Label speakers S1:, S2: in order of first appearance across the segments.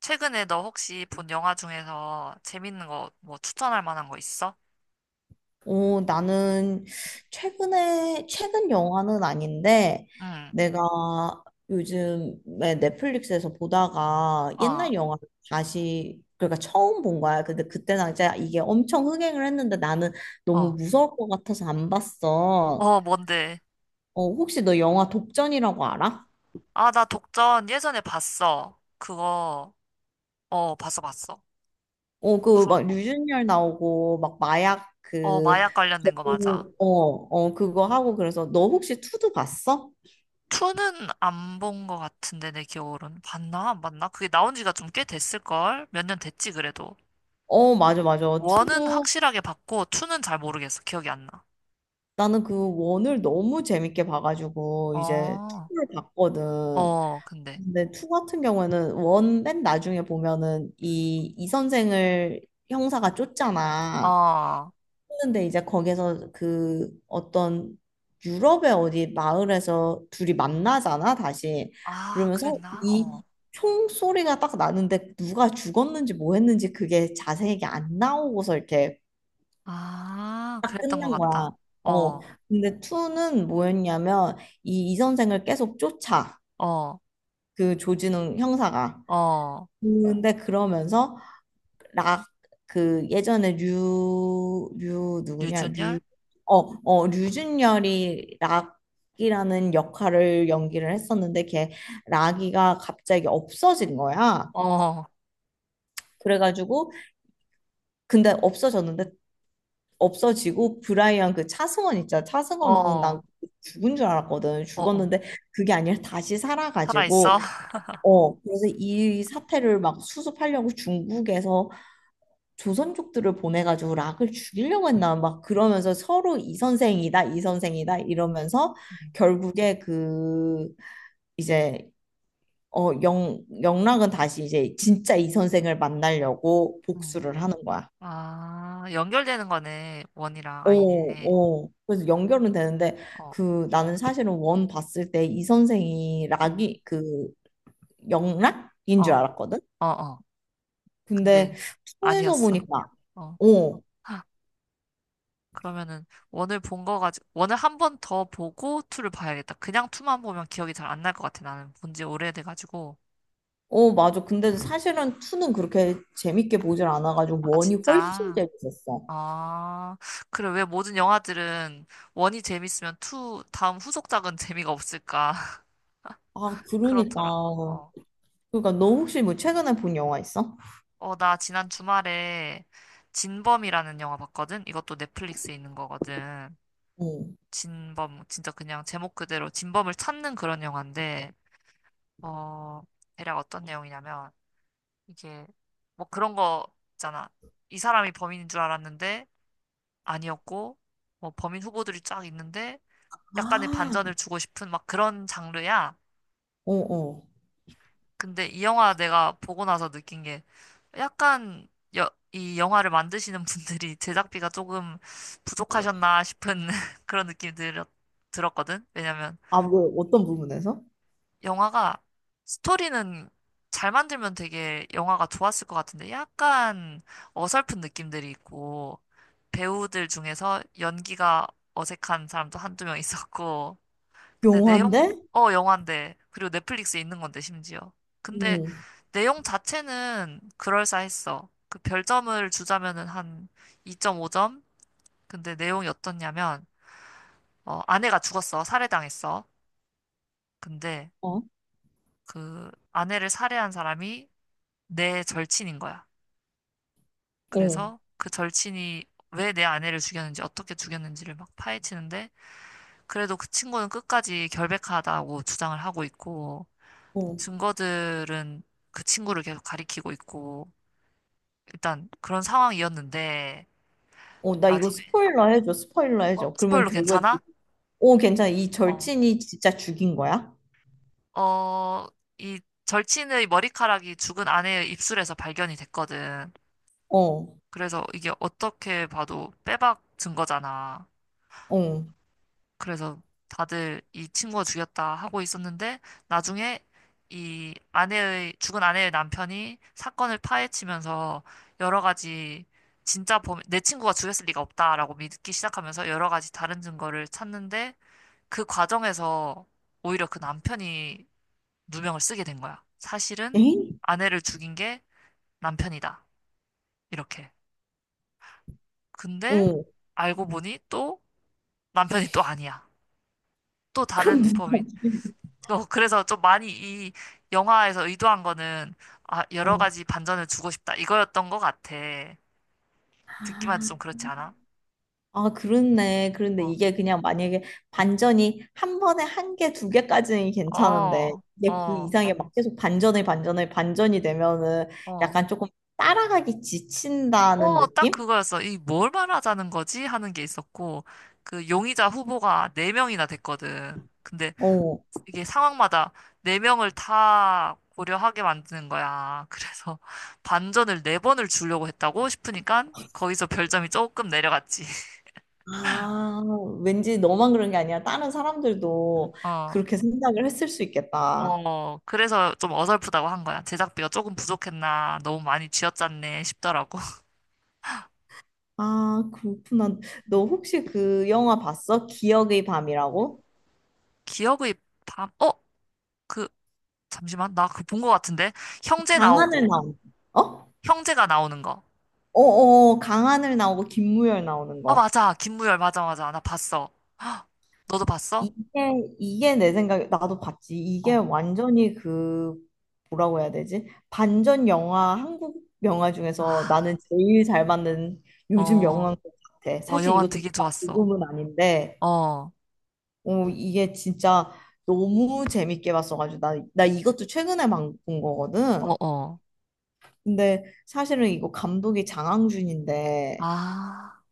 S1: 최근에 너 혹시 본 영화 중에서 재밌는 거 뭐 추천할 만한 거 있어?
S2: 나는 최근에, 최근 영화는 아닌데,
S1: 응.
S2: 내가 요즘에 넷플릭스에서 보다가
S1: 어.
S2: 옛날 영화를 다시, 그러니까 처음 본 거야. 근데 그때 당시에 이게 엄청 흥행을 했는데 나는 너무
S1: 어.
S2: 무서울 것 같아서 안 봤어.
S1: 어, 뭔데?
S2: 혹시 너 영화 독전이라고 알아?
S1: 아, 나 독전 예전에 봤어. 그거, 어, 봤어, 봤어.
S2: 그
S1: 무서울
S2: 막
S1: 거.
S2: 류준열 나오고, 막 마약
S1: 어,
S2: 그,
S1: 마약 관련된 거 맞아.
S2: 그거 하고 그래서 너 혹시 투도 봤어?
S1: 투는 안 본 거 같은데, 내 기억으로는. 봤나? 안 봤나? 그게 나온 지가 좀 꽤 됐을걸? 몇 년 됐지, 그래도.
S2: 어, 맞아, 맞아.
S1: 원은
S2: 투도
S1: 확실하게 봤고, 투는잘 모르겠어. 기억이 안 나.
S2: 나는 그 원을 너무 재밌게 봐가지고 이제
S1: 어,
S2: 투를 봤거든.
S1: 어, 근데.
S2: 근데 투 같은 경우에는 원 맨 나중에 보면은 이 선생을 형사가 쫓잖아.
S1: 어.
S2: 근데 이제 거기서 그 어떤 유럽의 어디 마을에서 둘이 만나잖아 다시.
S1: 아,
S2: 그러면서
S1: 그랬나? 어.
S2: 이 총소리가 딱 나는데 누가 죽었는지 뭐 했는지 그게 자세하게 안 나오고서 이렇게
S1: 아,
S2: 딱
S1: 그랬던 것
S2: 끝난 거야.
S1: 같다.
S2: 어.
S1: 어.
S2: 근데 투는 뭐였냐면 이 이선생을 계속 쫓아.
S1: 어.
S2: 그 조진웅 형사가.
S1: 어,
S2: 근데 그러면서 락 그 예전에 류 누구냐?
S1: 유준열?
S2: 류 어, 류준열이 락이라는 역할을 연기를 했었는데 걔 락이가 갑자기 없어진 거야.
S1: 어. 어.
S2: 그래가지고 근데 없어졌는데 없어지고 브라이언 그 차승원 있잖아. 차승원은 난 죽은 줄 알았거든.
S1: 어. 어.
S2: 죽었는데 그게 아니라 다시
S1: 살아있어?
S2: 살아가지고 그래서 이 사태를 막 수습하려고 중국에서 조선족들을 보내가지고 락을 죽이려고 했나 막 그러면서 서로 이 선생이다 이 선생이다 이러면서
S1: 음.
S2: 결국에 그 이제 영 영락은 다시 이제 진짜 이 선생을 만나려고
S1: 음.
S2: 복수를 하는 거야.
S1: 아, 연결되는 거네. 원이랑
S2: 어,
S1: 아이네.
S2: 어. 그래서 연결은 되는데
S1: 어.
S2: 그 나는 사실은 원 봤을 때 이 선생이
S1: 어.
S2: 락이 그 영락인
S1: 어.
S2: 줄
S1: 어.
S2: 알았거든.
S1: 어. 근데
S2: 근데 투에서
S1: 아니었어.
S2: 보니까
S1: 어.
S2: 어,
S1: 하, 그러면은 원을 본 거 가지고 원을 한 번 더 보고 투를 봐야겠다. 그냥 투만 보면 기억이 잘 안 날 것 같아. 나는 본지 오래돼 가지고.
S2: 어 맞아. 근데 사실은 투는 그렇게 재밌게 보질 않아가지고
S1: 아,
S2: 원이 훨씬
S1: 진짜.
S2: 재밌었어.
S1: 아, 그래. 왜 모든 영화들은 원이 재밌으면 투, 다음 후속작은 재미가 없을까?
S2: 아 그러니까
S1: 그렇더라. 어.
S2: 그러니까 너 혹시 뭐 최근에 본 영화 있어?
S1: 어, 나 지난 주말에 진범이라는 영화 봤거든? 이것도 넷플릭스에 있는 거거든.
S2: 어.
S1: 진범, 진짜 그냥 제목 그대로 진범을 찾는 그런 영화인데, 어, 대략 어떤 내용이냐면, 이게 뭐 그런 거 있잖아. 이 사람이 범인인 줄 알았는데, 아니었고, 뭐 범인 후보들이 쫙 있는데, 약간의
S2: 아,
S1: 반전을 주고 싶은 막 그런 장르야.
S2: 어, 어.
S1: 근데 이 영화 내가 보고 나서 느낀 게 약간 이 영화를 만드시는 분들이 제작비가 조금 부족하셨나 싶은 그런 느낌이 들었거든. 왜냐면
S2: 아, 뭐 어떤 부분에서?
S1: 영화가 스토리는 잘 만들면 되게 영화가 좋았을 것 같은데 약간 어설픈 느낌들이 있고 배우들 중에서 연기가 어색한 사람도 한두 명 있었고 근데
S2: 영화인데?
S1: 내용, 어, 영화인데. 그리고 넷플릭스에 있는 건데, 심지어. 근데
S2: 응
S1: 내용 자체는 그럴싸했어. 그 별점을 주자면은 한 2.5점? 근데 내용이 어떻냐면, 어, 아내가 죽었어. 살해당했어. 근데
S2: 어,
S1: 그 아내를 살해한 사람이 내 절친인 거야.
S2: 어,
S1: 그래서 그 절친이 왜 내 아내를 죽였는지, 어떻게 죽였는지를 막 파헤치는데, 그래도 그 친구는 끝까지 결백하다고 주장을 하고 있고,
S2: 어.
S1: 증거들은 그 친구를 계속 가리키고 있고, 일단 그런 상황이었는데,
S2: 나 이거
S1: 나중에,
S2: 스포일러 해줘, 스포일러
S1: 어,
S2: 해줘. 그러면
S1: 스포일러
S2: 결국에, 그-
S1: 괜찮아?
S2: 어, 괜찮아. 이
S1: 어.
S2: 절친이 진짜 죽인 거야?
S1: 어, 이 절친의 머리카락이 죽은 아내의 입술에서 발견이 됐거든.
S2: 어,
S1: 그래서 이게 어떻게 봐도 빼박 증거잖아.
S2: 어.
S1: 그래서 다들 이 친구가 죽였다 하고 있었는데 나중에 이 아내의 죽은 아내의 남편이 사건을 파헤치면서 여러 가지 진짜 범인 내 친구가 죽였을 리가 없다라고 믿기 시작하면서 여러 가지 다른 증거를 찾는데 그 과정에서 오히려 그 남편이 누명을 쓰게 된 거야. 사실은
S2: 에잉?
S1: 아내를 죽인 게 남편이다. 이렇게. 근데
S2: 어.
S1: 알고 보니 또 남편이 또 아니야. 또
S2: 그럼
S1: 다른
S2: 누가
S1: 범인.
S2: 죽인
S1: 어, 그래서 좀 많이 이 영화에서 의도한 거는, 아,
S2: 거야?
S1: 여러
S2: 어.
S1: 가지 반전을 주고 싶다. 이거였던 것 같아. 듣기만 해도
S2: 아,
S1: 좀 그렇지 않아?
S2: 그렇네. 그런데
S1: 어.
S2: 이게 그냥 만약에 반전이 한 번에 한 개, 두 개까지는 괜찮은데,
S1: 어.
S2: 이게 그
S1: 어.
S2: 이상에 막 계속 반전을, 반전을, 반전이 되면은
S1: 어.
S2: 약간 조금 따라가기 지친다는
S1: 어, 딱
S2: 느낌?
S1: 그거였어. 이 뭘 말하자는 거지? 하는 게 있었고, 그 용의자 후보가 네명이나 됐거든. 근데
S2: 어.
S1: 이게 상황마다 네명을다 고려하게 만드는 거야. 그래서 반전을 네번을 주려고 했다고 싶으니까 거기서 별점이 조금 내려갔지.
S2: 아, 왠지 너만 그런 게 아니라 다른 사람들도
S1: 어.
S2: 그렇게 생각을 했을 수 있겠다.
S1: 어, 그래서 좀 어설프다고 한 거야. 제작비가 조금 부족했나, 너무 많이 쥐어짰네 싶더라고.
S2: 아, 그렇구나. 너 혹시 그 영화 봤어? 기억의 밤이라고?
S1: 기억의 밤, 어, 그, 잠시만, 나 그 본 거 같은데? 형제
S2: 강하늘
S1: 나오고,
S2: 나오는 거. 어?
S1: 형제가 나오는 거.
S2: 어어, 강하늘 나오고 김무열 나오는
S1: 어,
S2: 거.
S1: 맞아. 김무열, 맞아, 맞아. 나 봤어. 너도 봤어?
S2: 이게, 이게 내 생각에, 나도 봤지. 이게
S1: 어.
S2: 완전히 그, 뭐라고 해야 되지? 반전 영화, 한국 영화 중에서
S1: 아.
S2: 나는 제일 잘 맞는 요즘
S1: 어.
S2: 영화인 것 같아.
S1: 어,
S2: 사실
S1: 영화
S2: 이것도
S1: 되게
S2: 그닥
S1: 좋았어.
S2: 좋은 은 아닌데.
S1: 어. 어.
S2: 이게 진짜 너무 재밌게 봤어가지고 나 이것도 최근에 막 본 거거든.
S1: 어.
S2: 근데 사실은 이거 감독이 장항준인데
S1: 아,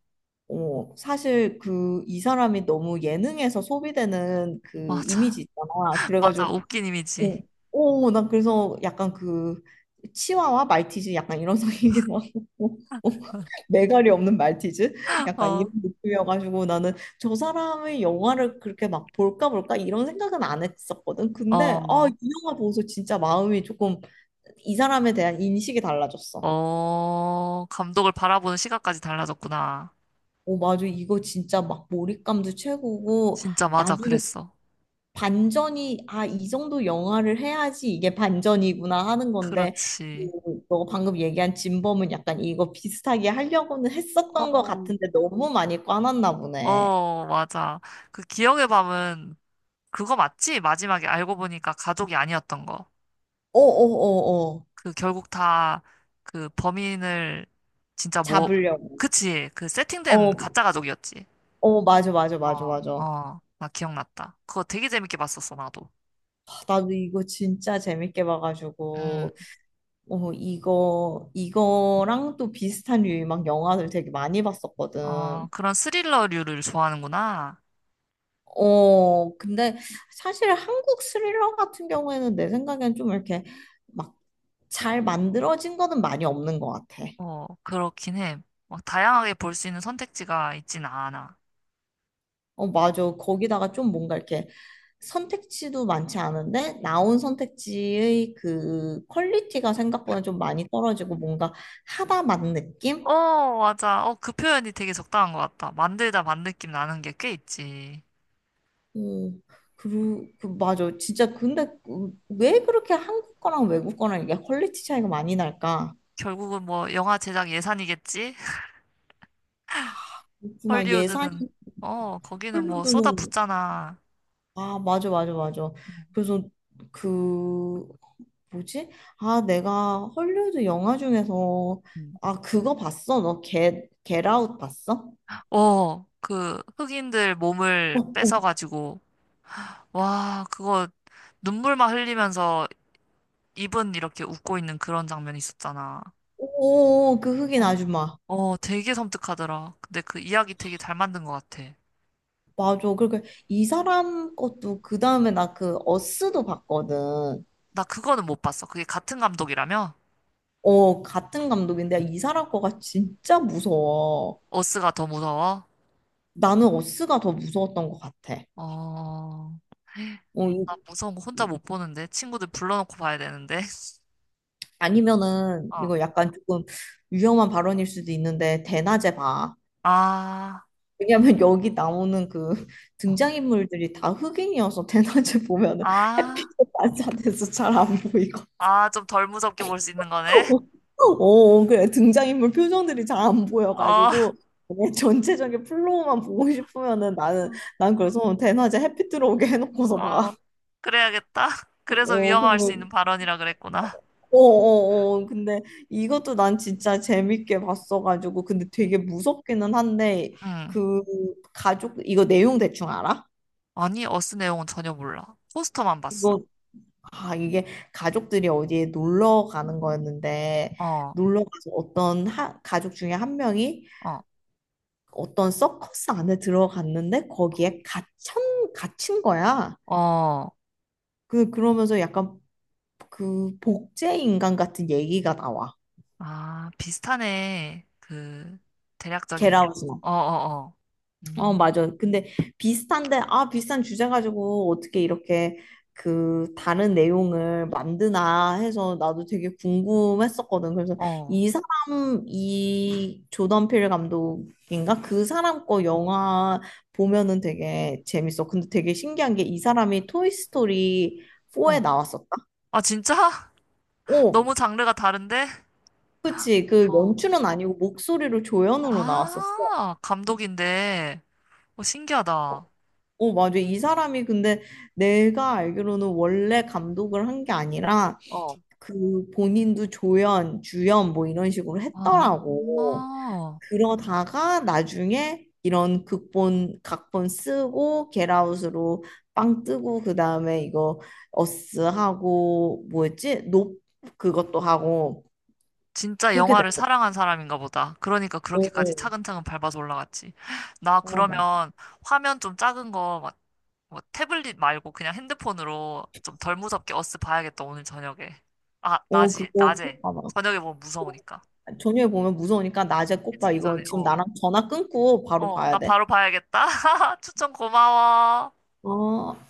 S2: 사실 그 이 사람이 너무 예능에서 소비되는 그
S1: 맞아.
S2: 이미지 있잖아. 그래가지고
S1: 맞아. 웃긴
S2: 어,
S1: 이미지.
S2: 난 그래서 약간 그 치와와 말티즈 약간 이런 성이기도 하고 매갈이 없는 말티즈? 약간
S1: 어.
S2: 이런 느낌이어가지고 나는 저 사람의 영화를 그렇게 막 볼까 볼까 이런 생각은 안 했었거든. 근데 아,
S1: 어.
S2: 이 영화 보고서 진짜 마음이 조금 이 사람에 대한 인식이 달라졌어.
S1: 어, 감독을 바라보는 시각까지 달라졌구나.
S2: 오, 맞아. 이거 진짜 막 몰입감도 최고고
S1: 진짜 맞아,
S2: 나중에
S1: 그랬어.
S2: 반전이 아, 이 정도 영화를 해야지 이게 반전이구나 하는 건데
S1: 그렇지.
S2: 그, 너 방금 얘기한 진범은 약간 이거 비슷하게 하려고는 했었던 것
S1: 어.
S2: 같은데 너무 많이 꽈놨나 보네.
S1: 어, 맞아. 그 기억의 밤은 그거 맞지? 마지막에 알고 보니까 가족이 아니었던 거.
S2: 어어어어
S1: 그 결국 다 그 범인을 진짜 뭐,
S2: 잡으려고
S1: 그치. 그 세팅된
S2: 어
S1: 가짜 가족이었지.
S2: 어 맞아 맞아 맞아
S1: 어.
S2: 맞아
S1: 어, 나 기억났다. 그거 되게 재밌게 봤었어, 나도.
S2: 아, 나도 이거 진짜 재밌게
S1: 음.
S2: 봐가지고 어 이거랑 또 비슷한 류의 막 영화들 되게 많이
S1: 어,
S2: 봤었거든
S1: 그런 스릴러류를 좋아하는구나.
S2: 어 근데 사실 한국 스릴러 같은 경우에는 내 생각엔 좀 이렇게 막 잘 만들어진 거는 많이 없는 것 같아
S1: 어, 그렇긴 해. 막 다양하게 볼 수 있는 선택지가 있진 않아.
S2: 어, 맞아. 거기다가 좀 뭔가 이렇게 선택지도 많지 않은데 나온 선택지의 그 퀄리티가 생각보다 좀 많이 떨어지고 뭔가 하다 만 느낌?
S1: 어, 맞아. 어, 그 표현이 되게 적당한 것 같다. 만들다 만 느낌 나는 게 꽤 있지.
S2: 어, 맞아. 진짜 근데 그왜 그렇게 한국 거랑 외국 거랑 이게 퀄리티 차이가 많이 날까?
S1: 결국은 뭐 영화 제작 예산이겠지?
S2: 그렇구나. 예산이
S1: 헐리우드는 어, 거기는 뭐
S2: 헐리우드는
S1: 쏟아붓잖아.
S2: 아 맞아 맞아 맞아
S1: 음.
S2: 그래서 그 뭐지? 아, 내가 헐리우드 영화 중에서
S1: 음.
S2: 아, 그거 봤어? 너 겟아웃 봤어?
S1: 어, 그 흑인들
S2: 어,
S1: 몸을
S2: 어,
S1: 뺏어가지고 와, 그거 눈물만 흘리면서 입은 이렇게 웃고 있는 그런 장면이 있었잖아.
S2: 오, 그 흑인
S1: 어.
S2: 아줌마.
S1: 어, 되게 섬뜩하더라. 근데 그 이야기 되게 잘 만든 것 같아.
S2: 맞아. 그러니까 이 사람 것도 그 다음에 나 그 어스도 봤거든.
S1: 나 그거는 못 봤어. 그게 같은 감독이라며?
S2: 어, 같은 감독인데 이 사람 거가 진짜 무서워.
S1: 어스가 더 무서워?
S2: 나는 어스가 더 무서웠던 것 같아.
S1: 어,
S2: 어, 이,
S1: 나 무서운 거 혼자
S2: 이-
S1: 못 보는데. 친구들 불러놓고 봐야 되는데.
S2: 아니면은
S1: 어.
S2: 이거 약간 조금 위험한 발언일 수도 있는데 대낮에 봐.
S1: 아.
S2: 왜냐면 여기 나오는 그
S1: 어.
S2: 등장인물들이 다 흑인이어서 대낮에 보면은
S1: 아.
S2: 햇빛에 반사돼서 잘 안 보이고
S1: 아, 좀 덜 무섭게 볼 수 있는 거네.
S2: 어, 그래 등장인물 표정들이 잘 안
S1: 어.
S2: 보여가지고 그냥 전체적인 플로우만 보고 싶으면은 나는 난 그래서 대낮에 햇빛 들어오게 해놓고서
S1: 어,
S2: 봐.
S1: 그래야겠다. 그래서
S2: 어,
S1: 위험할 수
S2: 그러면
S1: 있는 발언이라 그랬구나.
S2: 어어어 근데 이것도 난 진짜 재밌게 봤어가지고 근데 되게 무섭기는 한데
S1: 응.
S2: 그 가족 이거 내용 대충 알아?
S1: 아니, 어스 내용은 전혀 몰라. 포스터만 봤어.
S2: 이거 아, 이게 가족들이 어디에 놀러 가는 거였는데,
S1: 어.
S2: 놀러 가서 어떤 하, 가족 중에 한 명이
S1: 어.
S2: 어떤 서커스 안에 들어갔는데, 거기에 갇힌 거야.
S1: 어.
S2: 그러면서 약간 그 복제 인간 같은 얘기가 나와.
S1: 아, 비슷하네. 그,
S2: 겟아
S1: 대략적인.
S2: 웃
S1: 어. 어. 어.
S2: 어,
S1: 음.
S2: 맞아. 근데 비슷한데, 아, 비슷한 주제 가지고 어떻게 이렇게 그 다른 내용을 만드나 해서 나도 되게 궁금했었거든. 그래서
S1: 어.
S2: 이 조던 필 감독인가? 그 사람 거 영화 보면은 되게 재밌어. 근데 되게 신기한 게 이 사람이 토이스토리 4에
S1: 어.
S2: 나왔었다?
S1: 아, 진짜?
S2: 오,
S1: 너무 장르가 다른데?
S2: 그치. 그
S1: 어.
S2: 연출은 아니고 목소리로 조연으로 나왔었어.
S1: 아, 감독인데. 어, 신기하다.
S2: 어, 맞아. 이 사람이 근데 내가 알기로는 원래 감독을 한 게 아니라
S1: 어.
S2: 그 본인도 조연, 주연 뭐 이런 식으로
S1: 아,
S2: 했더라고. 그러다가 나중에 이런 극본, 각본 쓰고 겟아웃으로 빵 뜨고 그다음에 이거 어스 하고 뭐였지? 높 그것도 하고
S1: 진짜
S2: 그렇게 된
S1: 영화를
S2: 거.
S1: 사랑한 사람인가 보다. 그러니까 그렇게까지
S2: 어,
S1: 차근차근 밟아서 올라갔지. 나
S2: 어, 맞아.
S1: 그러면 화면 좀 작은 거, 막, 뭐 태블릿 말고 그냥 핸드폰으로 좀 덜 무섭게 어스 봐야겠다, 오늘 저녁에. 아,
S2: 어, 그거
S1: 낮에.
S2: 꼭 봐봐.
S1: 저녁에 보면 무서우니까.
S2: 저녁에 보면 무서우니까 낮에 꼭 봐.
S1: 해지기
S2: 이거
S1: 전에,
S2: 지금
S1: 어.
S2: 나랑 전화 끊고 바로
S1: 어,
S2: 봐야
S1: 나
S2: 돼.
S1: 바로 봐야겠다. 추천 고마워.
S2: 어,